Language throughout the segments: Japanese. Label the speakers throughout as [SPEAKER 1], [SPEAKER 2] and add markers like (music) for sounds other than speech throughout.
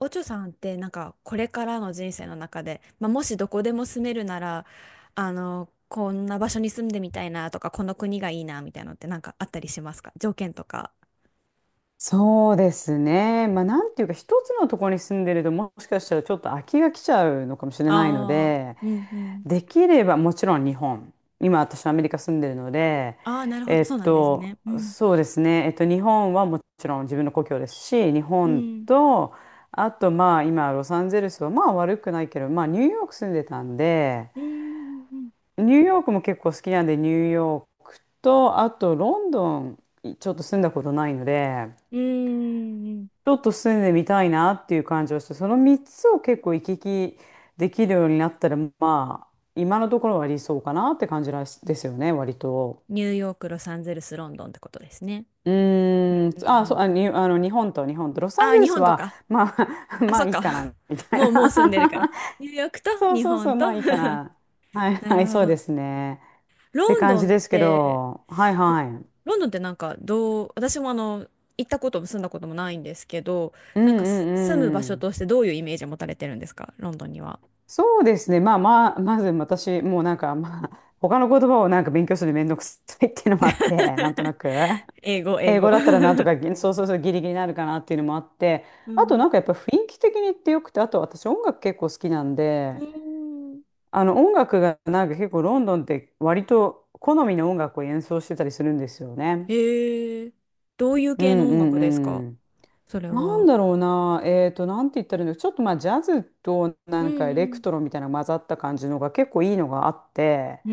[SPEAKER 1] おちょさんってなんかこれからの人生の中で、まあ、もしどこでも住めるなら、あのこんな場所に住んでみたいなとか、この国がいいなみたいなのってなんかあったりしますか？条件とか。
[SPEAKER 2] そうですね。まあ、なんていうか、一つのところに住んでると、もしかしたらちょっと飽きが来ちゃうのかもしれないの
[SPEAKER 1] ああ、
[SPEAKER 2] で、
[SPEAKER 1] うんうん。
[SPEAKER 2] できれば、もちろん日本。今、私、はアメリカ住んでるので、
[SPEAKER 1] ああ、なるほど、そうなんですね。うん。
[SPEAKER 2] そうですね。日本はもちろん自分の故郷ですし、日
[SPEAKER 1] う
[SPEAKER 2] 本
[SPEAKER 1] ん。
[SPEAKER 2] と、あと、まあ、今、ロサンゼルスは、まあ、悪くないけど、まあ、ニューヨーク住んでたんで、
[SPEAKER 1] うんうん
[SPEAKER 2] ニューヨークも結構好きなんで、ニューヨークと、あと、ロンドン、ちょっと住んだことないので、
[SPEAKER 1] うんうん。うんうん。
[SPEAKER 2] ちょっと住んでみたいなっていう感じはして、その3つを結構行き来できるようになったら、まあ、今のところは理想かなって感じらしですよね、割と。
[SPEAKER 1] ニューヨーク、ロサンゼルス、ロンドンってことですね。
[SPEAKER 2] う
[SPEAKER 1] うん
[SPEAKER 2] ーん、
[SPEAKER 1] う
[SPEAKER 2] あ、
[SPEAKER 1] んう
[SPEAKER 2] そう、
[SPEAKER 1] ん。
[SPEAKER 2] あ、に、あの、日本と、ロサ
[SPEAKER 1] あ
[SPEAKER 2] ン
[SPEAKER 1] あ、
[SPEAKER 2] ゼル
[SPEAKER 1] 日
[SPEAKER 2] ス
[SPEAKER 1] 本と
[SPEAKER 2] は、
[SPEAKER 1] か。
[SPEAKER 2] まあ、(laughs)
[SPEAKER 1] あ、
[SPEAKER 2] ま
[SPEAKER 1] そ
[SPEAKER 2] あ
[SPEAKER 1] っ
[SPEAKER 2] いい
[SPEAKER 1] か。
[SPEAKER 2] かな、み
[SPEAKER 1] (laughs)
[SPEAKER 2] たい
[SPEAKER 1] も
[SPEAKER 2] な。
[SPEAKER 1] うもう住んでるから。ニューヨークと
[SPEAKER 2] (laughs) そう
[SPEAKER 1] 日
[SPEAKER 2] そうそ
[SPEAKER 1] 本
[SPEAKER 2] う、
[SPEAKER 1] と。
[SPEAKER 2] まあ
[SPEAKER 1] (laughs)
[SPEAKER 2] いいかな。はい
[SPEAKER 1] な
[SPEAKER 2] は
[SPEAKER 1] る
[SPEAKER 2] い、
[SPEAKER 1] ほ
[SPEAKER 2] そうで
[SPEAKER 1] ど。
[SPEAKER 2] すね。って
[SPEAKER 1] ロン
[SPEAKER 2] 感
[SPEAKER 1] ド
[SPEAKER 2] じ
[SPEAKER 1] ンっ
[SPEAKER 2] ですけ
[SPEAKER 1] て
[SPEAKER 2] ど、はい
[SPEAKER 1] ロ
[SPEAKER 2] はい。
[SPEAKER 1] ロンドンってなんかどう、私もあの、行ったことも住んだこともないんですけど、
[SPEAKER 2] うん
[SPEAKER 1] なんか
[SPEAKER 2] う
[SPEAKER 1] 住む場
[SPEAKER 2] んう
[SPEAKER 1] 所
[SPEAKER 2] ん。
[SPEAKER 1] としてどういうイメージを持たれてるんですか、ロンドンには？
[SPEAKER 2] そうですね。まあまあ、まず私、もうなんか、まあ、他の言葉をなんか勉強するのめんどくさいっていうのもあって、なんとなく。
[SPEAKER 1] 英語、英
[SPEAKER 2] 英
[SPEAKER 1] 語。
[SPEAKER 2] 語だったらなんと
[SPEAKER 1] (laughs)
[SPEAKER 2] か、そうそうそう、ギリギリになるかなっていうのもあって、
[SPEAKER 1] う
[SPEAKER 2] あと
[SPEAKER 1] ん。
[SPEAKER 2] なんかやっぱ雰囲気的にってよくて、あと私音楽結構好きなん
[SPEAKER 1] う
[SPEAKER 2] で、
[SPEAKER 1] ーん。
[SPEAKER 2] あの音楽がなんか結構ロンドンって割と好みの音楽を演奏してたりするんですよね。
[SPEAKER 1] へえ。どういう
[SPEAKER 2] う
[SPEAKER 1] 系の音楽です
[SPEAKER 2] ん
[SPEAKER 1] か、
[SPEAKER 2] うん。
[SPEAKER 1] それ
[SPEAKER 2] なん
[SPEAKER 1] は？
[SPEAKER 2] だろうな、なんて言ったらいいの、ちょっとまあジャズと
[SPEAKER 1] う
[SPEAKER 2] なんかエレク
[SPEAKER 1] ん
[SPEAKER 2] トロみたいな混ざった感じのが結構いいのがあって、
[SPEAKER 1] うん。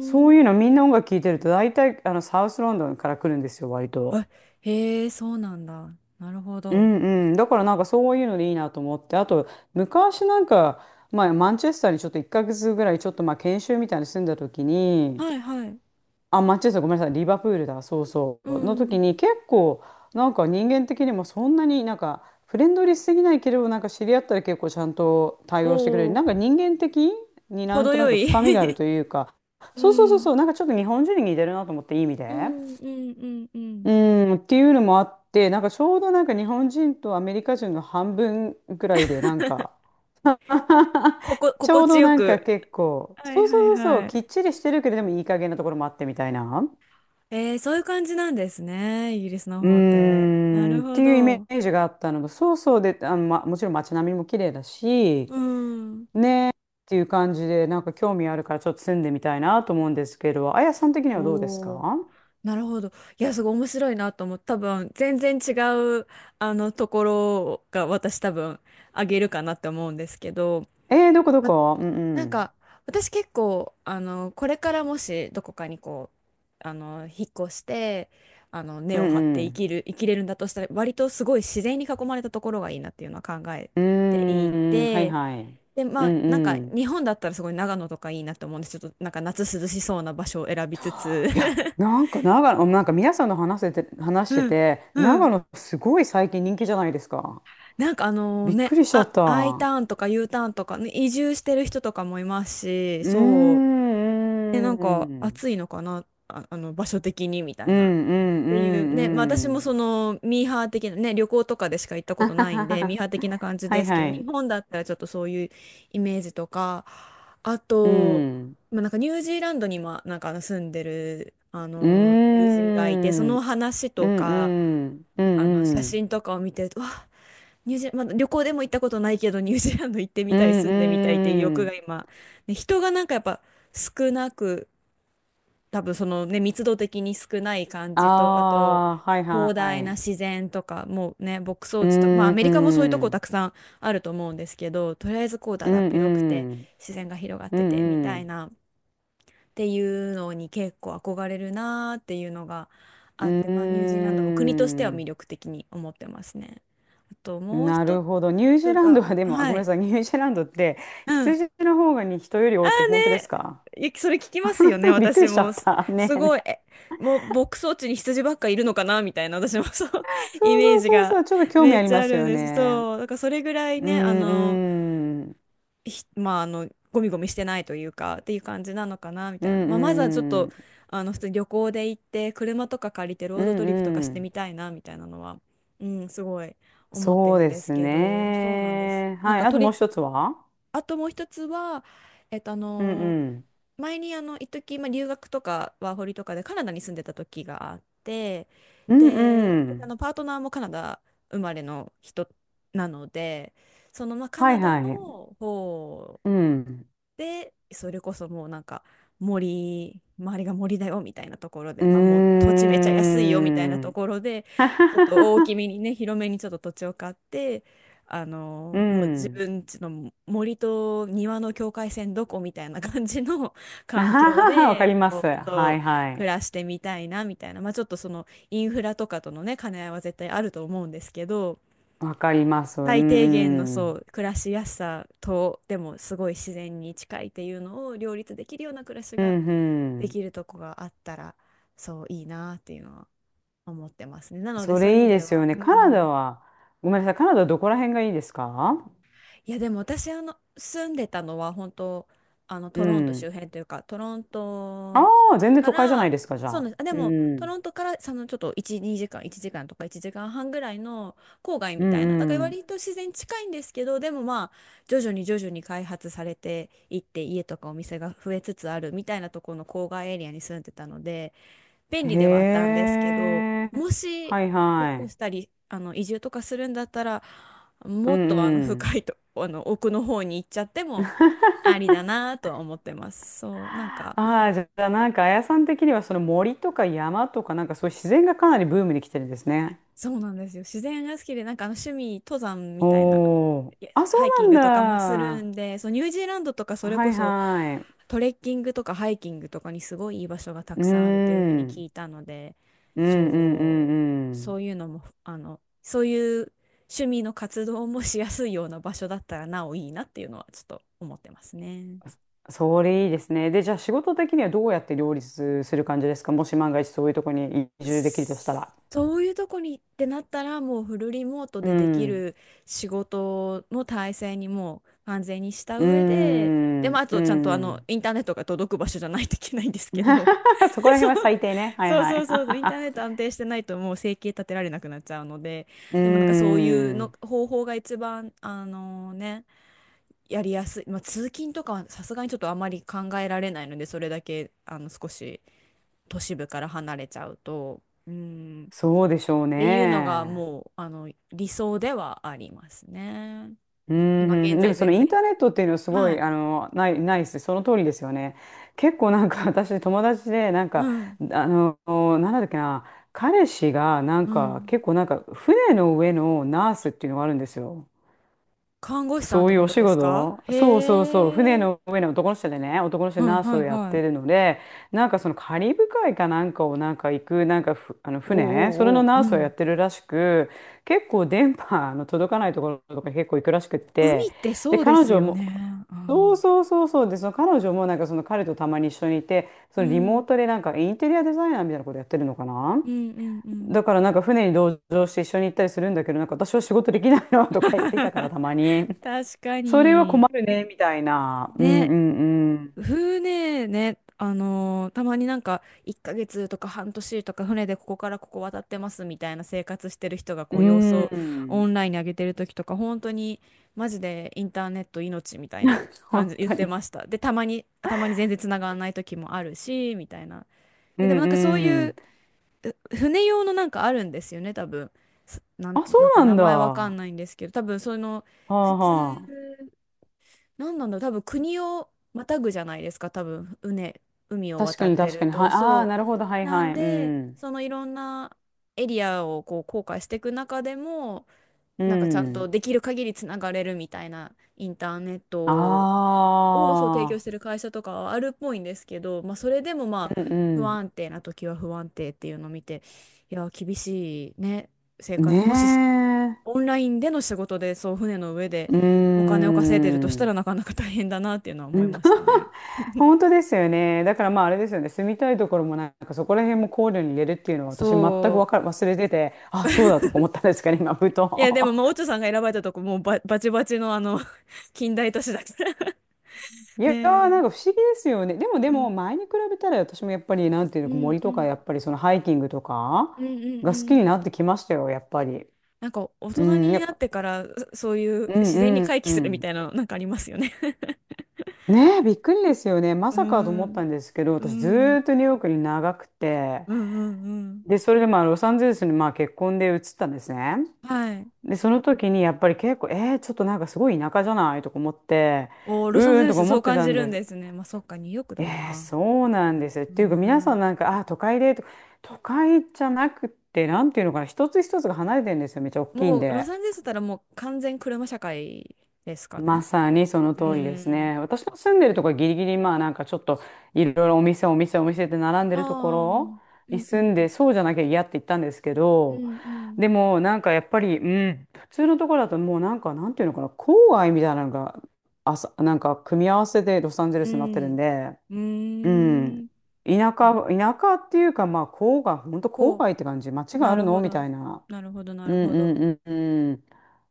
[SPEAKER 2] そ
[SPEAKER 1] ー
[SPEAKER 2] う
[SPEAKER 1] ん。
[SPEAKER 2] いうのみんな音楽聴いてると大体あのサウスロンドンから来るんですよ、割
[SPEAKER 1] あ、
[SPEAKER 2] と。
[SPEAKER 1] へえ、そうなんだ。なるほ
[SPEAKER 2] う
[SPEAKER 1] ど。
[SPEAKER 2] んうん。だからなんかそういうのでいいなと思って、あと昔なんか、まあ、マンチェスターにちょっと1ヶ月ぐらいちょっとまあ研修みたいに住んだ時に、
[SPEAKER 1] はいはい。
[SPEAKER 2] あ、マンチェスター、ごめんなさい、リバプールだ、そうそ
[SPEAKER 1] う
[SPEAKER 2] う。の時
[SPEAKER 1] ん。
[SPEAKER 2] に結構、なんか人間的にもそんなになんかフレンドリーすぎないけれど、なんか知り合ったら結構ちゃんと対
[SPEAKER 1] お
[SPEAKER 2] 応してくれる。
[SPEAKER 1] お、
[SPEAKER 2] なんか人間的になん
[SPEAKER 1] 程
[SPEAKER 2] とな
[SPEAKER 1] よ
[SPEAKER 2] く
[SPEAKER 1] い。
[SPEAKER 2] 深みがある
[SPEAKER 1] (laughs)
[SPEAKER 2] というか、
[SPEAKER 1] う
[SPEAKER 2] そうそうそう
[SPEAKER 1] ん。
[SPEAKER 2] そう、なんかちょっと日本人に似てるなと思って、いい意味で。
[SPEAKER 1] うんうんうんうん。
[SPEAKER 2] うん、っていうのもあって、なんかちょうどなんか日本人とアメリカ人の半分ぐらいで、なんか (laughs)
[SPEAKER 1] ここ、
[SPEAKER 2] ち
[SPEAKER 1] 心
[SPEAKER 2] ょう
[SPEAKER 1] 地
[SPEAKER 2] ど
[SPEAKER 1] よ
[SPEAKER 2] なんか
[SPEAKER 1] く。
[SPEAKER 2] 結構、
[SPEAKER 1] はい
[SPEAKER 2] そう
[SPEAKER 1] はい
[SPEAKER 2] そうそうそ
[SPEAKER 1] は
[SPEAKER 2] う、
[SPEAKER 1] い。
[SPEAKER 2] きっちりしてるけれどもいい加減なところもあってみたいな。
[SPEAKER 1] えー、そういう感じなんですね、イギリスの
[SPEAKER 2] う
[SPEAKER 1] 方っ
[SPEAKER 2] ー
[SPEAKER 1] て。な
[SPEAKER 2] ん
[SPEAKER 1] る
[SPEAKER 2] っ
[SPEAKER 1] ほ
[SPEAKER 2] ていうイメ
[SPEAKER 1] ど。
[SPEAKER 2] ージがあったのが、そうそうで、あの、ま、もちろん街並みも綺麗だし、
[SPEAKER 1] うん。
[SPEAKER 2] ね、っていう感じで、なんか興味あるからちょっと住んでみたいなと思うんですけど、あやさん的にはどうです
[SPEAKER 1] おお。
[SPEAKER 2] か？
[SPEAKER 1] なるほど。いや、すごい面白いなと思って。多分、全然違う、あの、ところが私多分あげるかなって思うんですけど、
[SPEAKER 2] どこど
[SPEAKER 1] ま
[SPEAKER 2] こ？うんう
[SPEAKER 1] なん
[SPEAKER 2] ん。
[SPEAKER 1] か私結構あのこれからもしどこかにこうあの引っ越してあの
[SPEAKER 2] う
[SPEAKER 1] 根を張っ
[SPEAKER 2] ん
[SPEAKER 1] て
[SPEAKER 2] うん。
[SPEAKER 1] 生きれるんだとしたら、割とすごい自然に囲まれたところがいいなっていうのは考え
[SPEAKER 2] う
[SPEAKER 1] てい
[SPEAKER 2] ーん、はい
[SPEAKER 1] て、
[SPEAKER 2] はい。
[SPEAKER 1] で
[SPEAKER 2] う
[SPEAKER 1] まあ、
[SPEAKER 2] ん
[SPEAKER 1] なんか
[SPEAKER 2] うん。
[SPEAKER 1] 日本だったらすごい長野とかいいなと思うんです。ちょっとなんか夏涼しそうな場所を選びつつ。
[SPEAKER 2] いや、
[SPEAKER 1] (laughs)
[SPEAKER 2] なんか長野、なんか皆さんの話せて、話して
[SPEAKER 1] うん
[SPEAKER 2] て、
[SPEAKER 1] う
[SPEAKER 2] 長
[SPEAKER 1] ん。
[SPEAKER 2] 野すごい最近人気じゃないですか。
[SPEAKER 1] なんかあの
[SPEAKER 2] びっ
[SPEAKER 1] ね、
[SPEAKER 2] くりしちゃ
[SPEAKER 1] あ、
[SPEAKER 2] った。
[SPEAKER 1] I
[SPEAKER 2] う
[SPEAKER 1] ターンとか U ターンとか、ね、移住してる人とかもいますし
[SPEAKER 2] ー
[SPEAKER 1] そうで、
[SPEAKER 2] ん。
[SPEAKER 1] なんか
[SPEAKER 2] うーん。
[SPEAKER 1] 暑いのかな、あ、あの場所的にみた
[SPEAKER 2] う
[SPEAKER 1] い
[SPEAKER 2] ん
[SPEAKER 1] な。
[SPEAKER 2] うんう
[SPEAKER 1] っていうね、まあ、私
[SPEAKER 2] んう
[SPEAKER 1] も
[SPEAKER 2] ん。
[SPEAKER 1] そのミーハー的な、ね、旅行とかでしか行ったことないんで、ミーハー的な感
[SPEAKER 2] (laughs)
[SPEAKER 1] じ
[SPEAKER 2] は
[SPEAKER 1] で
[SPEAKER 2] い
[SPEAKER 1] すけ
[SPEAKER 2] は
[SPEAKER 1] ど、日
[SPEAKER 2] い。
[SPEAKER 1] 本だったらちょっとそういうイメージとか、あ
[SPEAKER 2] う
[SPEAKER 1] と、
[SPEAKER 2] ん。
[SPEAKER 1] まあ、なんかニュージーランドにもなんかあの住んでるあ
[SPEAKER 2] うー
[SPEAKER 1] の友人がいて、そ
[SPEAKER 2] ん。う
[SPEAKER 1] の
[SPEAKER 2] ん
[SPEAKER 1] 話
[SPEAKER 2] う
[SPEAKER 1] とか、
[SPEAKER 2] んう
[SPEAKER 1] あの写
[SPEAKER 2] んうん。
[SPEAKER 1] 真とかを見てると、わあ、ニュージー、まあ、旅行でも行ったことないけど、ニュージーランド行ってみ
[SPEAKER 2] う
[SPEAKER 1] たい、
[SPEAKER 2] ん
[SPEAKER 1] 住んでみたいっていう
[SPEAKER 2] う
[SPEAKER 1] 欲
[SPEAKER 2] ん。
[SPEAKER 1] が今、ね、人がなんかやっぱ少なく、多分そのね、密度的に少ない感じと、あ
[SPEAKER 2] あ
[SPEAKER 1] と、
[SPEAKER 2] あ、はいは
[SPEAKER 1] 広大な
[SPEAKER 2] い。
[SPEAKER 1] 自然とか、もうね、牧草
[SPEAKER 2] う
[SPEAKER 1] 地とか、まあア
[SPEAKER 2] ん
[SPEAKER 1] メ
[SPEAKER 2] う
[SPEAKER 1] リカもそういうとこた
[SPEAKER 2] ん。
[SPEAKER 1] くさんあると思うんですけど、とりあえずこうだ
[SPEAKER 2] う
[SPEAKER 1] だっ
[SPEAKER 2] んう
[SPEAKER 1] 広くて、
[SPEAKER 2] ん
[SPEAKER 1] 自然が広がっ
[SPEAKER 2] う
[SPEAKER 1] てて、みたい
[SPEAKER 2] ん
[SPEAKER 1] な、っていうのに結構憧れるなーっていうのがあ
[SPEAKER 2] う
[SPEAKER 1] っ
[SPEAKER 2] ん。
[SPEAKER 1] て、まあニュージーランドも国としては
[SPEAKER 2] ー
[SPEAKER 1] 魅
[SPEAKER 2] ん。
[SPEAKER 1] 力的に思ってますね。あともう
[SPEAKER 2] な
[SPEAKER 1] 一
[SPEAKER 2] るほど。ニュージー
[SPEAKER 1] つ
[SPEAKER 2] ランド
[SPEAKER 1] が、
[SPEAKER 2] はでも、あ、ご
[SPEAKER 1] は
[SPEAKER 2] めんな
[SPEAKER 1] い。
[SPEAKER 2] さい。ニュージーランドって
[SPEAKER 1] うん。
[SPEAKER 2] 羊の方がに人より多いって本当ですか？
[SPEAKER 1] (laughs) いや、それ聞きますよね、
[SPEAKER 2] (laughs) びっく
[SPEAKER 1] 私
[SPEAKER 2] りしちゃ
[SPEAKER 1] も。
[SPEAKER 2] った。
[SPEAKER 1] す
[SPEAKER 2] ね。
[SPEAKER 1] ごい、え、もう牧草地に羊ばっかいるのかなみたいな、私もそう、(laughs) イ
[SPEAKER 2] そう
[SPEAKER 1] メー
[SPEAKER 2] そう
[SPEAKER 1] ジ
[SPEAKER 2] そうそ
[SPEAKER 1] が
[SPEAKER 2] う、ちょっと興
[SPEAKER 1] め
[SPEAKER 2] 味
[SPEAKER 1] っ
[SPEAKER 2] あり
[SPEAKER 1] ちゃ
[SPEAKER 2] ま
[SPEAKER 1] あ
[SPEAKER 2] す
[SPEAKER 1] るん
[SPEAKER 2] よ
[SPEAKER 1] ですけ
[SPEAKER 2] ね。
[SPEAKER 1] ど、そう、だからそれぐらい
[SPEAKER 2] う
[SPEAKER 1] ね、あの、
[SPEAKER 2] んうん。
[SPEAKER 1] まあ、あの、ゴミゴミしてないというか、っていう感じなのかなみた
[SPEAKER 2] う
[SPEAKER 1] いな。まあ、まずはちょっ
[SPEAKER 2] んう
[SPEAKER 1] と、
[SPEAKER 2] ん。
[SPEAKER 1] あの、普通に旅行で行って、車とか借りてロ
[SPEAKER 2] う
[SPEAKER 1] ードト
[SPEAKER 2] ん
[SPEAKER 1] リップとかし
[SPEAKER 2] う
[SPEAKER 1] て
[SPEAKER 2] ん。
[SPEAKER 1] みたいな、みたいなのは、うん、すごい思って
[SPEAKER 2] そう
[SPEAKER 1] るん
[SPEAKER 2] で
[SPEAKER 1] です
[SPEAKER 2] す
[SPEAKER 1] けど、そうなんです。
[SPEAKER 2] ね。
[SPEAKER 1] なん
[SPEAKER 2] はい。
[SPEAKER 1] か、
[SPEAKER 2] あとも
[SPEAKER 1] 鳥、
[SPEAKER 2] う一つは？
[SPEAKER 1] あともう一つは、あ
[SPEAKER 2] うん
[SPEAKER 1] の、
[SPEAKER 2] うん。
[SPEAKER 1] 前にあの一時、まあ、留学とかワーホリとかでカナダに住んでた時があって、
[SPEAKER 2] うん
[SPEAKER 1] で
[SPEAKER 2] う
[SPEAKER 1] あ
[SPEAKER 2] ん。
[SPEAKER 1] のパートナーもカナダ生まれの人なので、そのまあカ
[SPEAKER 2] は
[SPEAKER 1] ナ
[SPEAKER 2] い
[SPEAKER 1] ダ
[SPEAKER 2] はい。
[SPEAKER 1] の方
[SPEAKER 2] うん。
[SPEAKER 1] で、それこそもうなんか森、周りが森だよみたいなところ
[SPEAKER 2] う
[SPEAKER 1] で、
[SPEAKER 2] ー
[SPEAKER 1] まあもう土地めちゃ安いよみたいなと
[SPEAKER 2] ん。
[SPEAKER 1] ころで、
[SPEAKER 2] はは
[SPEAKER 1] ちょっ
[SPEAKER 2] は
[SPEAKER 1] と大き
[SPEAKER 2] は。
[SPEAKER 1] めにね、広めにちょっと土地を買って、
[SPEAKER 2] う
[SPEAKER 1] もう自
[SPEAKER 2] ん。
[SPEAKER 1] 分ちの森と庭の境界線どこみたいな感じの (laughs)
[SPEAKER 2] (laughs) あ
[SPEAKER 1] 環
[SPEAKER 2] は
[SPEAKER 1] 境
[SPEAKER 2] ははわか
[SPEAKER 1] で、
[SPEAKER 2] りま
[SPEAKER 1] こ
[SPEAKER 2] す。
[SPEAKER 1] う、
[SPEAKER 2] は
[SPEAKER 1] そ
[SPEAKER 2] い
[SPEAKER 1] う、
[SPEAKER 2] は
[SPEAKER 1] 暮
[SPEAKER 2] い。
[SPEAKER 1] らしてみたいなみたいな、まあちょっとそのインフラとかとのね、兼ね合いは絶対あると思うんですけど、
[SPEAKER 2] わかります。う
[SPEAKER 1] 最低限の
[SPEAKER 2] んう
[SPEAKER 1] そ
[SPEAKER 2] ん。
[SPEAKER 1] う暮らしやすさとでもすごい自然に近いっていうのを両立できるような暮らし
[SPEAKER 2] う
[SPEAKER 1] が
[SPEAKER 2] んう
[SPEAKER 1] で
[SPEAKER 2] ん。
[SPEAKER 1] きるとこがあったら、そういいなっていうのは思ってますね。なので
[SPEAKER 2] そ
[SPEAKER 1] そういう意
[SPEAKER 2] れい
[SPEAKER 1] 味
[SPEAKER 2] いで
[SPEAKER 1] で
[SPEAKER 2] すよ
[SPEAKER 1] は、
[SPEAKER 2] ね。
[SPEAKER 1] う
[SPEAKER 2] カナダ
[SPEAKER 1] ん、
[SPEAKER 2] は、ごめんなさい、カナダどこら辺がいいですか？
[SPEAKER 1] いやでも私あの住んでたのは本当あの
[SPEAKER 2] う
[SPEAKER 1] トロント周
[SPEAKER 2] ん。
[SPEAKER 1] 辺というかトロン
[SPEAKER 2] あ
[SPEAKER 1] ト
[SPEAKER 2] あ、全然
[SPEAKER 1] か
[SPEAKER 2] 都会じゃない
[SPEAKER 1] ら、
[SPEAKER 2] ですか、じゃ
[SPEAKER 1] そうなん
[SPEAKER 2] あ。
[SPEAKER 1] です。あで
[SPEAKER 2] う
[SPEAKER 1] もト
[SPEAKER 2] ん。
[SPEAKER 1] ロントからそのちょっと1、2時間、1時間とか1時間半ぐらいの郊外
[SPEAKER 2] う
[SPEAKER 1] みたいな、だから
[SPEAKER 2] ん
[SPEAKER 1] 割と自然近いんですけど、でもまあ徐々に徐々に開発されていって家とかお店が増えつつあるみたいなところの郊外エリアに住んでたので便
[SPEAKER 2] うん。
[SPEAKER 1] 利ではあったんで
[SPEAKER 2] へ
[SPEAKER 1] すけど、
[SPEAKER 2] え。
[SPEAKER 1] もし
[SPEAKER 2] はい
[SPEAKER 1] 引っ
[SPEAKER 2] は
[SPEAKER 1] 越し
[SPEAKER 2] い。
[SPEAKER 1] たり、あの移住とかするんだったら、
[SPEAKER 2] う
[SPEAKER 1] もっとあの
[SPEAKER 2] んう
[SPEAKER 1] 深
[SPEAKER 2] ん。
[SPEAKER 1] いと、(laughs) あの奥の方に行っちゃってもありだなとは思ってます。そう、なんか、う
[SPEAKER 2] あ
[SPEAKER 1] ん、
[SPEAKER 2] あ、じゃあなんか、あやさん的にはその森とか山とか、なんかそういう自然がかなりブームに来てるんですね。
[SPEAKER 1] そうなんですよ。自然が好きで、なんかあの趣味、登山み
[SPEAKER 2] お
[SPEAKER 1] たいな、
[SPEAKER 2] お。
[SPEAKER 1] いや
[SPEAKER 2] あ、そ
[SPEAKER 1] ハイキン
[SPEAKER 2] う
[SPEAKER 1] グとかもす
[SPEAKER 2] なん
[SPEAKER 1] る
[SPEAKER 2] だ。
[SPEAKER 1] んで、そう、ニュージーランドとかそれ
[SPEAKER 2] は
[SPEAKER 1] こ
[SPEAKER 2] い
[SPEAKER 1] そ
[SPEAKER 2] はい。
[SPEAKER 1] トレッキングとかハイキングとかにすごいいい場所がた
[SPEAKER 2] う
[SPEAKER 1] くさんあるというふうに聞
[SPEAKER 2] ん。
[SPEAKER 1] いたので、
[SPEAKER 2] うんうんう
[SPEAKER 1] そう、
[SPEAKER 2] んう
[SPEAKER 1] そ
[SPEAKER 2] ん。
[SPEAKER 1] ういうのも、あの、そういう趣味の活動もしやすいような場所だったらなおいいなっていうのはちょっと思ってますね。
[SPEAKER 2] それいいですね。で、じゃあ仕事的にはどうやって両立する感じですか？もし万が一そういうとこに移住できるとしたら。
[SPEAKER 1] そういうとこにってなったらもうフルリモート
[SPEAKER 2] う
[SPEAKER 1] ででき
[SPEAKER 2] ん。
[SPEAKER 1] る仕事の体制にもう完全にした
[SPEAKER 2] うー
[SPEAKER 1] 上で、でも、あ、
[SPEAKER 2] ん。
[SPEAKER 1] あ
[SPEAKER 2] う
[SPEAKER 1] とちゃんとあの
[SPEAKER 2] ん。
[SPEAKER 1] インターネットが届く場所じゃないといけないんですけど。
[SPEAKER 2] (laughs) そこら辺は最低ね。
[SPEAKER 1] (laughs)
[SPEAKER 2] はい
[SPEAKER 1] そう、そう
[SPEAKER 2] は
[SPEAKER 1] そ
[SPEAKER 2] い。
[SPEAKER 1] うそうそうインターネット安定してないともう生計立てられなくなっちゃうので、
[SPEAKER 2] (laughs) うー
[SPEAKER 1] でもなんかそういうの
[SPEAKER 2] ん。
[SPEAKER 1] 方法が一番あのねやりやすい。まあ、通勤とかはさすがにちょっとあまり考えられないので、それだけあの少し、都市部から離れちゃうと、うん、っ
[SPEAKER 2] そうでしょう
[SPEAKER 1] ていうのが
[SPEAKER 2] ね。
[SPEAKER 1] もうあの理想ではありますね。
[SPEAKER 2] う
[SPEAKER 1] 今現
[SPEAKER 2] ーん、で
[SPEAKER 1] 在
[SPEAKER 2] もそ
[SPEAKER 1] 全
[SPEAKER 2] の
[SPEAKER 1] 然。
[SPEAKER 2] インターネットっていうのはすご
[SPEAKER 1] は
[SPEAKER 2] い、
[SPEAKER 1] い。
[SPEAKER 2] あの、ない、ないです。その通りですよね。結構なんか (laughs) 私友達で、なん
[SPEAKER 1] う
[SPEAKER 2] か、
[SPEAKER 1] ん。
[SPEAKER 2] あの、なんだっけな、彼氏がなん
[SPEAKER 1] う
[SPEAKER 2] か
[SPEAKER 1] ん。
[SPEAKER 2] 結構なんか船の上のナースっていうのがあるんですよ。
[SPEAKER 1] 看護師さんっ
[SPEAKER 2] そう
[SPEAKER 1] て
[SPEAKER 2] いう
[SPEAKER 1] こ
[SPEAKER 2] お
[SPEAKER 1] と
[SPEAKER 2] 仕
[SPEAKER 1] ですか？
[SPEAKER 2] 事そうそうそう。船
[SPEAKER 1] へえ。
[SPEAKER 2] の上の男の人でね、男の人
[SPEAKER 1] う
[SPEAKER 2] で
[SPEAKER 1] ん、
[SPEAKER 2] ナース
[SPEAKER 1] はい
[SPEAKER 2] をやっ
[SPEAKER 1] は
[SPEAKER 2] てる
[SPEAKER 1] い。
[SPEAKER 2] ので、なんかそのカリブ海かなんかをなんか行く、なんかあの
[SPEAKER 1] おう
[SPEAKER 2] 船、それ
[SPEAKER 1] おう
[SPEAKER 2] の
[SPEAKER 1] おう。
[SPEAKER 2] ナ
[SPEAKER 1] う
[SPEAKER 2] ースをや
[SPEAKER 1] ん。
[SPEAKER 2] ってるらしく、結構電波の届かないところとか結構行くらしくっ
[SPEAKER 1] 海
[SPEAKER 2] て、
[SPEAKER 1] ってそ
[SPEAKER 2] で、
[SPEAKER 1] うで
[SPEAKER 2] 彼
[SPEAKER 1] す
[SPEAKER 2] 女
[SPEAKER 1] よ
[SPEAKER 2] も、
[SPEAKER 1] ね。う
[SPEAKER 2] そう
[SPEAKER 1] ん。
[SPEAKER 2] そうそうそうで、その彼女もなんかその彼とたまに一緒にいて、そ
[SPEAKER 1] う
[SPEAKER 2] のリモ
[SPEAKER 1] ん。
[SPEAKER 2] ートでなんかインテリアデザイナーみたいなことやってるのかな。
[SPEAKER 1] うんうんうん。
[SPEAKER 2] だからなんか船に同乗して一緒に行ったりするんだけど、なんか私は仕事できないなとか言ってたからたまに。
[SPEAKER 1] 確か
[SPEAKER 2] それは困
[SPEAKER 1] に。
[SPEAKER 2] るね、みたいな。うんう
[SPEAKER 1] ね、
[SPEAKER 2] ん
[SPEAKER 1] 船ね、たまになんか1ヶ月とか半年とか船でここからここ渡ってますみたいな生活してる人が
[SPEAKER 2] う
[SPEAKER 1] こう様子
[SPEAKER 2] ん。
[SPEAKER 1] を
[SPEAKER 2] うん。
[SPEAKER 1] オンラインに上げてる時とか、本当にマジでインターネット命みたいな
[SPEAKER 2] (laughs)
[SPEAKER 1] 感
[SPEAKER 2] 本
[SPEAKER 1] じ言っ
[SPEAKER 2] 当
[SPEAKER 1] てま
[SPEAKER 2] に。
[SPEAKER 1] した。で、たまに、たまに全然繋がらない時もあるし、みたいな。
[SPEAKER 2] う
[SPEAKER 1] でも
[SPEAKER 2] ん
[SPEAKER 1] なんかそう
[SPEAKER 2] う
[SPEAKER 1] い
[SPEAKER 2] ん。
[SPEAKER 1] う船用のなんかあるんですよね、多分。すなん、
[SPEAKER 2] あ、そ
[SPEAKER 1] なん
[SPEAKER 2] う
[SPEAKER 1] か
[SPEAKER 2] なん
[SPEAKER 1] 名
[SPEAKER 2] だ。
[SPEAKER 1] 前わかん
[SPEAKER 2] は
[SPEAKER 1] ないんですけど、多分その
[SPEAKER 2] あ
[SPEAKER 1] 普通、
[SPEAKER 2] はあ。
[SPEAKER 1] なんなんだ、多分国をまたぐじゃないですか、多分、うね、海を
[SPEAKER 2] 確
[SPEAKER 1] 渡
[SPEAKER 2] か
[SPEAKER 1] っ
[SPEAKER 2] に
[SPEAKER 1] て
[SPEAKER 2] 確か
[SPEAKER 1] る
[SPEAKER 2] に。は
[SPEAKER 1] と。
[SPEAKER 2] い。ああ、
[SPEAKER 1] そ
[SPEAKER 2] なるほど。は
[SPEAKER 1] う。
[SPEAKER 2] い
[SPEAKER 1] な
[SPEAKER 2] は
[SPEAKER 1] ん
[SPEAKER 2] い。う
[SPEAKER 1] で、
[SPEAKER 2] ん。
[SPEAKER 1] そのいろんなエリアをこう航海していく中でも、
[SPEAKER 2] う
[SPEAKER 1] なんかちゃんと
[SPEAKER 2] ん。
[SPEAKER 1] できる限りつながれるみたいなインターネットをそう提供
[SPEAKER 2] あ
[SPEAKER 1] して
[SPEAKER 2] あ。
[SPEAKER 1] る会社とかはあるっぽいんですけど、まあ、それでもまあ
[SPEAKER 2] う
[SPEAKER 1] 不
[SPEAKER 2] ん
[SPEAKER 1] 安定な時は不安定っていうのを見て、いや、厳しいね、生
[SPEAKER 2] うん。
[SPEAKER 1] 活、もし
[SPEAKER 2] ね
[SPEAKER 1] オンラインでの仕事で、そう、船の上で
[SPEAKER 2] え。う
[SPEAKER 1] お金を稼いでるとしたら
[SPEAKER 2] ん。
[SPEAKER 1] なかなか大変だなっていうのは思いましたね。
[SPEAKER 2] 本当ですよね。だからまああれですよね。住みたいところもなんかそこら辺も考慮に入れるっていうのは私全くわ
[SPEAKER 1] そ
[SPEAKER 2] かる、忘れてて、あ、そうだとか思ったんですかね、今、ふ
[SPEAKER 1] う。
[SPEAKER 2] と。
[SPEAKER 1] いや、でも、まあ、オチョさんが選ばれたとこ、もうバチバチのあの (laughs) 近代都市だから
[SPEAKER 2] い
[SPEAKER 1] (laughs)
[SPEAKER 2] や
[SPEAKER 1] ね
[SPEAKER 2] ー、な
[SPEAKER 1] え。
[SPEAKER 2] んか不思議ですよね。でもで
[SPEAKER 1] うん。
[SPEAKER 2] も、前に比べたら私もやっぱり、なんてい
[SPEAKER 1] う
[SPEAKER 2] うの、
[SPEAKER 1] ん
[SPEAKER 2] 森
[SPEAKER 1] う
[SPEAKER 2] とか、やっ
[SPEAKER 1] ん。
[SPEAKER 2] ぱりそのハイキングとか
[SPEAKER 1] うんうん
[SPEAKER 2] が好き
[SPEAKER 1] う
[SPEAKER 2] に
[SPEAKER 1] ん。
[SPEAKER 2] なってきましたよ、やっぱり。
[SPEAKER 1] なんか、大
[SPEAKER 2] う
[SPEAKER 1] 人
[SPEAKER 2] ん、
[SPEAKER 1] に
[SPEAKER 2] やっ
[SPEAKER 1] な
[SPEAKER 2] ぱ、
[SPEAKER 1] ってから、そういう
[SPEAKER 2] うん
[SPEAKER 1] 自然に
[SPEAKER 2] うん
[SPEAKER 1] 回
[SPEAKER 2] う
[SPEAKER 1] 帰するみ
[SPEAKER 2] ん。
[SPEAKER 1] たいなの、なんかありますよね。
[SPEAKER 2] ねえ、びっくりですよね。
[SPEAKER 1] (laughs)
[SPEAKER 2] ま
[SPEAKER 1] う
[SPEAKER 2] さかと思った
[SPEAKER 1] ん。
[SPEAKER 2] んですけど、
[SPEAKER 1] う
[SPEAKER 2] 私ず
[SPEAKER 1] ん。うん
[SPEAKER 2] ーっとニューヨークに長くて、
[SPEAKER 1] うんうん。
[SPEAKER 2] で、それでまあ、ロサンゼルスにまあ結婚で移ったんですね。
[SPEAKER 1] はい。
[SPEAKER 2] で、その時にやっぱり結構、ちょっとなんかすごい田舎じゃないとか思って、
[SPEAKER 1] おー、ロ
[SPEAKER 2] う
[SPEAKER 1] サン
[SPEAKER 2] ー
[SPEAKER 1] ゼ
[SPEAKER 2] ん
[SPEAKER 1] ル
[SPEAKER 2] とか
[SPEAKER 1] スそ
[SPEAKER 2] 思
[SPEAKER 1] う
[SPEAKER 2] って
[SPEAKER 1] 感
[SPEAKER 2] た
[SPEAKER 1] じ
[SPEAKER 2] ん
[SPEAKER 1] るん
[SPEAKER 2] で、
[SPEAKER 1] ですね。まあ、そっか、ニューヨークだ
[SPEAKER 2] え
[SPEAKER 1] もん
[SPEAKER 2] え
[SPEAKER 1] な。
[SPEAKER 2] そうなんですよ。っ
[SPEAKER 1] う
[SPEAKER 2] ていうか皆さ
[SPEAKER 1] ん。
[SPEAKER 2] んなんか、あ、都会でと、都会じゃなくって、なんていうのかな、一つ一つが離れてるんですよ。めっちゃ大きいん
[SPEAKER 1] もうロ
[SPEAKER 2] で。
[SPEAKER 1] サンゼルスだったらもう完全車社会ですか
[SPEAKER 2] ま
[SPEAKER 1] ね。
[SPEAKER 2] さにその
[SPEAKER 1] う
[SPEAKER 2] 通りです
[SPEAKER 1] ーん。
[SPEAKER 2] ね。私の住んでるとこはギリギリ、まあなんかちょっといろいろお店って並んで
[SPEAKER 1] あ
[SPEAKER 2] るとこ
[SPEAKER 1] あ、う
[SPEAKER 2] ろ
[SPEAKER 1] んう
[SPEAKER 2] に住
[SPEAKER 1] ん
[SPEAKER 2] ん
[SPEAKER 1] うん
[SPEAKER 2] で、そうじゃなきゃ嫌って言ったんですけ
[SPEAKER 1] う
[SPEAKER 2] ど、
[SPEAKER 1] んうん。
[SPEAKER 2] でもなんかやっぱり、うん、普通のところだともうなんか、なんていうのかな、郊外みたいなのが、なんか組み合わせでロサンゼル
[SPEAKER 1] う
[SPEAKER 2] スになってる
[SPEAKER 1] ん。
[SPEAKER 2] ん
[SPEAKER 1] う
[SPEAKER 2] で、う
[SPEAKER 1] ー
[SPEAKER 2] ん。
[SPEAKER 1] ん。
[SPEAKER 2] 田
[SPEAKER 1] あ、
[SPEAKER 2] 舎、田舎っていうか、まあ、郊外、本当郊
[SPEAKER 1] こ
[SPEAKER 2] 外って感じ。街
[SPEAKER 1] う、
[SPEAKER 2] が
[SPEAKER 1] な
[SPEAKER 2] ある
[SPEAKER 1] る
[SPEAKER 2] の
[SPEAKER 1] ほ
[SPEAKER 2] みた
[SPEAKER 1] ど。
[SPEAKER 2] いな。
[SPEAKER 1] なるほど、な
[SPEAKER 2] う
[SPEAKER 1] る
[SPEAKER 2] ん
[SPEAKER 1] ほ
[SPEAKER 2] う
[SPEAKER 1] ど。
[SPEAKER 2] んうんうん。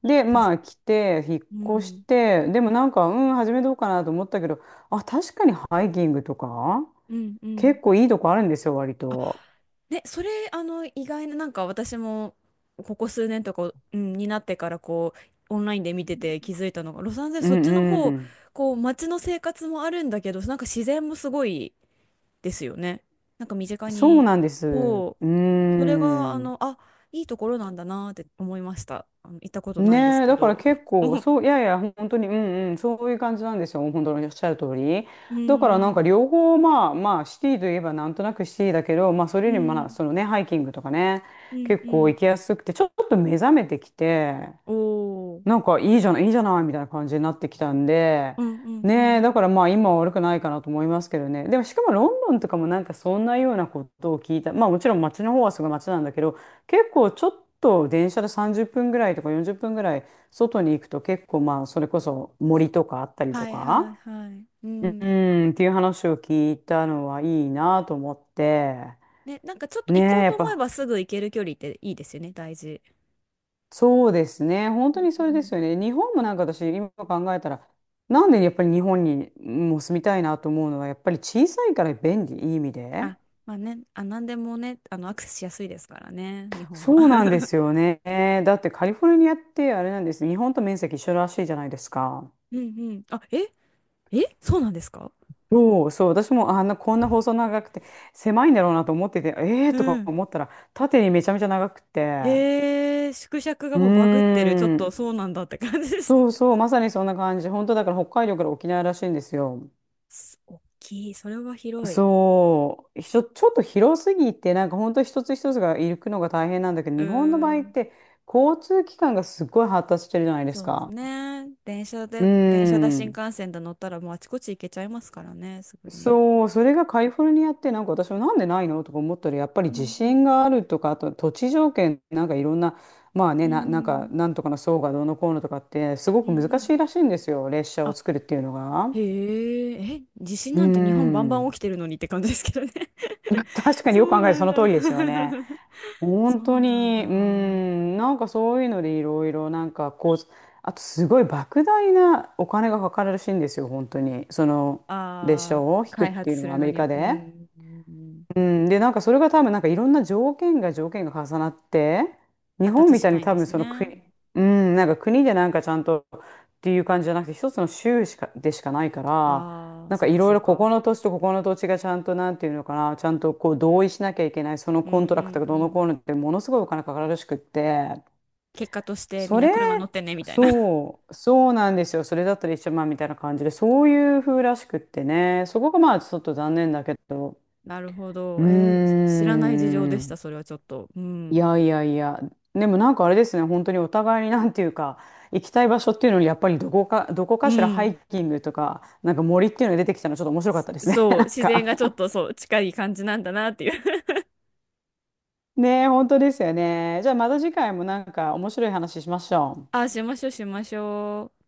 [SPEAKER 2] で、
[SPEAKER 1] た
[SPEAKER 2] ま
[SPEAKER 1] す
[SPEAKER 2] あ、来て、引
[SPEAKER 1] う
[SPEAKER 2] っ越し
[SPEAKER 1] ん。
[SPEAKER 2] て、でもなんか、うん、始めどうかなと思ったけど、あ、確かにハイキングとか、
[SPEAKER 1] うんうん。
[SPEAKER 2] 結構いいとこあるんですよ、割
[SPEAKER 1] あ、
[SPEAKER 2] と。
[SPEAKER 1] ね、それ、あの、意外な、なんか私も、ここ数年とか、うん、になってから、こう、オンラインで見てて気づいたのが、ロサンゼルス、
[SPEAKER 2] う
[SPEAKER 1] そっ
[SPEAKER 2] ん
[SPEAKER 1] ちの
[SPEAKER 2] う
[SPEAKER 1] 方、
[SPEAKER 2] ん。
[SPEAKER 1] こう、街の生活もあるんだけど、なんか自然もすごい、ですよね。なんか身近
[SPEAKER 2] そう
[SPEAKER 1] に、
[SPEAKER 2] なんです。
[SPEAKER 1] そう、
[SPEAKER 2] う
[SPEAKER 1] それが、あ
[SPEAKER 2] ん。
[SPEAKER 1] の、あ、いいところなんだなって思いました。あの、行ったことないんです
[SPEAKER 2] ねえ、
[SPEAKER 1] け
[SPEAKER 2] だから
[SPEAKER 1] ど。
[SPEAKER 2] 結構、
[SPEAKER 1] (laughs)
[SPEAKER 2] そう、いやいや、本当に、うんうん、そういう感じなんですよ。本当におっしゃる通り。
[SPEAKER 1] う
[SPEAKER 2] だからなん
[SPEAKER 1] ん、
[SPEAKER 2] か両方、まあまあ、シティといえばなんとなくシティだけど、まあそれ
[SPEAKER 1] う
[SPEAKER 2] よりもまあ、
[SPEAKER 1] ん、
[SPEAKER 2] そのね、ハイキングとかね、
[SPEAKER 1] うん、
[SPEAKER 2] 結
[SPEAKER 1] う
[SPEAKER 2] 構
[SPEAKER 1] ん。
[SPEAKER 2] 行きやすくて、ちょっと目覚めてきて、
[SPEAKER 1] おー、
[SPEAKER 2] なんかいいじゃない、いいじゃないみたいな感じになってきたんで、
[SPEAKER 1] うん、うん、う
[SPEAKER 2] ねえ、
[SPEAKER 1] ん。
[SPEAKER 2] だからまあ今は悪くないかなと思いますけどね。でもしかもロンドンとかもなんかそんなようなことを聞いた。まあもちろん街の方はすごい街なんだけど、結構ちょっと電車で30分ぐらいとか40分ぐらい外に行くと結構まあそれこそ森とかあったりと
[SPEAKER 1] はいは
[SPEAKER 2] か、
[SPEAKER 1] いはい。う
[SPEAKER 2] う
[SPEAKER 1] ん。
[SPEAKER 2] ん、っていう話を聞いたのはいいなと思って、
[SPEAKER 1] ね、なんかちょっと
[SPEAKER 2] ね
[SPEAKER 1] 行こ
[SPEAKER 2] え、
[SPEAKER 1] う
[SPEAKER 2] や
[SPEAKER 1] と
[SPEAKER 2] っ
[SPEAKER 1] 思え
[SPEAKER 2] ぱ
[SPEAKER 1] ばすぐ行ける距離っていいですよね、大事。
[SPEAKER 2] そうですね。本
[SPEAKER 1] う
[SPEAKER 2] 当にそれで
[SPEAKER 1] ん。
[SPEAKER 2] すよね。日本もなんか私、今考えたら、なんでやっぱり日本にもう住みたいなと思うのは、やっぱり小さいから便利、いい意味で。
[SPEAKER 1] あ、まあね、あ、なんでもね、あの、アクセスしやすいですからね、日本
[SPEAKER 2] そ
[SPEAKER 1] は。
[SPEAKER 2] うなんです
[SPEAKER 1] (laughs)
[SPEAKER 2] よね。だってカリフォルニアってあれなんです。日本と面積一緒らしいじゃないですか。
[SPEAKER 1] うんうん。(laughs) あ、ええそうなんですか。
[SPEAKER 2] そうそう。私もあんな、こんな細長くて、狭いんだろうなと思ってて、えー
[SPEAKER 1] う
[SPEAKER 2] とか
[SPEAKER 1] ん。
[SPEAKER 2] 思ったら、縦にめちゃめちゃ長くて。
[SPEAKER 1] へえ、縮尺が
[SPEAKER 2] う
[SPEAKER 1] もうバグってる。ちょっ
[SPEAKER 2] ー
[SPEAKER 1] と
[SPEAKER 2] ん。
[SPEAKER 1] そうなんだって感じです。
[SPEAKER 2] そうそう。まさにそんな感じ。本当だから北海道から沖縄らしいんですよ。
[SPEAKER 1] す大きい。それは広い。
[SPEAKER 2] そう、ちょっと広すぎて、なんか本当一つ一つが行くのが大変なんだけど、
[SPEAKER 1] う
[SPEAKER 2] 日本の場合
[SPEAKER 1] ー
[SPEAKER 2] っ
[SPEAKER 1] ん。
[SPEAKER 2] て交通機関がすごい発達してるじゃないです
[SPEAKER 1] そうです
[SPEAKER 2] か。
[SPEAKER 1] ね。電車
[SPEAKER 2] う
[SPEAKER 1] で、電車だ、新
[SPEAKER 2] ん。
[SPEAKER 1] 幹線で乗ったらもうあちこち行けちゃいますからね、すぐに。
[SPEAKER 2] そう、それがカリフォルニアってなんか私もなんでないのとか思ったらやっぱり
[SPEAKER 1] う
[SPEAKER 2] 地
[SPEAKER 1] ん
[SPEAKER 2] 震があるとか、あと土地条件、なんかいろんな、まあ
[SPEAKER 1] う
[SPEAKER 2] ね、
[SPEAKER 1] ん。う
[SPEAKER 2] なんかなん
[SPEAKER 1] ん
[SPEAKER 2] とかの層がどうのこうのとかってすご
[SPEAKER 1] うん
[SPEAKER 2] く
[SPEAKER 1] う
[SPEAKER 2] 難し
[SPEAKER 1] ん。
[SPEAKER 2] いらしいんですよ、列車を
[SPEAKER 1] あ、
[SPEAKER 2] 作るっていうのが。
[SPEAKER 1] へえ、え、地震
[SPEAKER 2] う
[SPEAKER 1] なんて日本バンバン
[SPEAKER 2] ん。
[SPEAKER 1] 起きてるのにって感じですけどね。
[SPEAKER 2] (laughs) 確
[SPEAKER 1] (laughs)
[SPEAKER 2] かに
[SPEAKER 1] そ
[SPEAKER 2] よく
[SPEAKER 1] う
[SPEAKER 2] 考えて
[SPEAKER 1] な
[SPEAKER 2] そ
[SPEAKER 1] ん
[SPEAKER 2] の
[SPEAKER 1] だ。
[SPEAKER 2] 通りですよね。
[SPEAKER 1] (laughs) そ
[SPEAKER 2] 本
[SPEAKER 1] う
[SPEAKER 2] 当
[SPEAKER 1] なん
[SPEAKER 2] に、う
[SPEAKER 1] だ。
[SPEAKER 2] ん、なんかそういうのでいろいろ、なんかこう、あとすごい莫大なお金がかかるらしいんですよ、本当に。その列車
[SPEAKER 1] ああ、
[SPEAKER 2] を引くっ
[SPEAKER 1] 開
[SPEAKER 2] てい
[SPEAKER 1] 発
[SPEAKER 2] う
[SPEAKER 1] す
[SPEAKER 2] のはア
[SPEAKER 1] る
[SPEAKER 2] メ
[SPEAKER 1] の
[SPEAKER 2] リ
[SPEAKER 1] には、
[SPEAKER 2] カ
[SPEAKER 1] う
[SPEAKER 2] で。
[SPEAKER 1] ん、うんうん。
[SPEAKER 2] うん、で、なんかそれが多分なんかいろんな条件が重なって、日
[SPEAKER 1] 発
[SPEAKER 2] 本
[SPEAKER 1] 達
[SPEAKER 2] み
[SPEAKER 1] し
[SPEAKER 2] たい
[SPEAKER 1] な
[SPEAKER 2] に
[SPEAKER 1] いん
[SPEAKER 2] 多
[SPEAKER 1] で
[SPEAKER 2] 分
[SPEAKER 1] す
[SPEAKER 2] その
[SPEAKER 1] ね。
[SPEAKER 2] 国、うん、なんか国でなんかちゃんとっていう感じじゃなくて、一つの州しか、でしかないから、
[SPEAKER 1] ああ、
[SPEAKER 2] なん
[SPEAKER 1] そ
[SPEAKER 2] か
[SPEAKER 1] う
[SPEAKER 2] い
[SPEAKER 1] か
[SPEAKER 2] ろい
[SPEAKER 1] そう
[SPEAKER 2] ろここ
[SPEAKER 1] か。
[SPEAKER 2] の土地とここの土地がちゃんとなんていうのかな、ちゃんとこう同意しなきゃいけない、その
[SPEAKER 1] う
[SPEAKER 2] コン
[SPEAKER 1] ん
[SPEAKER 2] ト
[SPEAKER 1] う
[SPEAKER 2] ラクト
[SPEAKER 1] ん
[SPEAKER 2] が
[SPEAKER 1] う
[SPEAKER 2] どうの
[SPEAKER 1] ん。
[SPEAKER 2] こうのってものすごいお金かかるらしくって、
[SPEAKER 1] 結果としてみ
[SPEAKER 2] そ
[SPEAKER 1] んな
[SPEAKER 2] れ、
[SPEAKER 1] 車乗ってねみたいな。(laughs)
[SPEAKER 2] そう、そうなんですよ。それだったら一緒まあみたいな感じで、そういう風らしくってね、そこがまあちょっと残念だけど、
[SPEAKER 1] なるほ
[SPEAKER 2] う
[SPEAKER 1] ど。えー
[SPEAKER 2] ー
[SPEAKER 1] 知らない事情でし
[SPEAKER 2] ん。
[SPEAKER 1] た、それはちょっと。う
[SPEAKER 2] い
[SPEAKER 1] ん。
[SPEAKER 2] やいやいや。でもなんかあれですね、本当にお互いになんていうか、行きたい場所っていうのに、やっぱりどこ
[SPEAKER 1] う
[SPEAKER 2] かしらハ
[SPEAKER 1] ん。
[SPEAKER 2] イキングとか、なんか森っていうのが出てきたのちょっと面白かったですね。(laughs)
[SPEAKER 1] そう、
[SPEAKER 2] なん
[SPEAKER 1] 自然
[SPEAKER 2] か
[SPEAKER 1] がちょっとそう、近い感じなんだなっていう。
[SPEAKER 2] ねえ、本当ですよね。じゃあまた次回もなんか面白い話しましょ
[SPEAKER 1] (laughs)
[SPEAKER 2] う。
[SPEAKER 1] ああ、しましょうしましょう。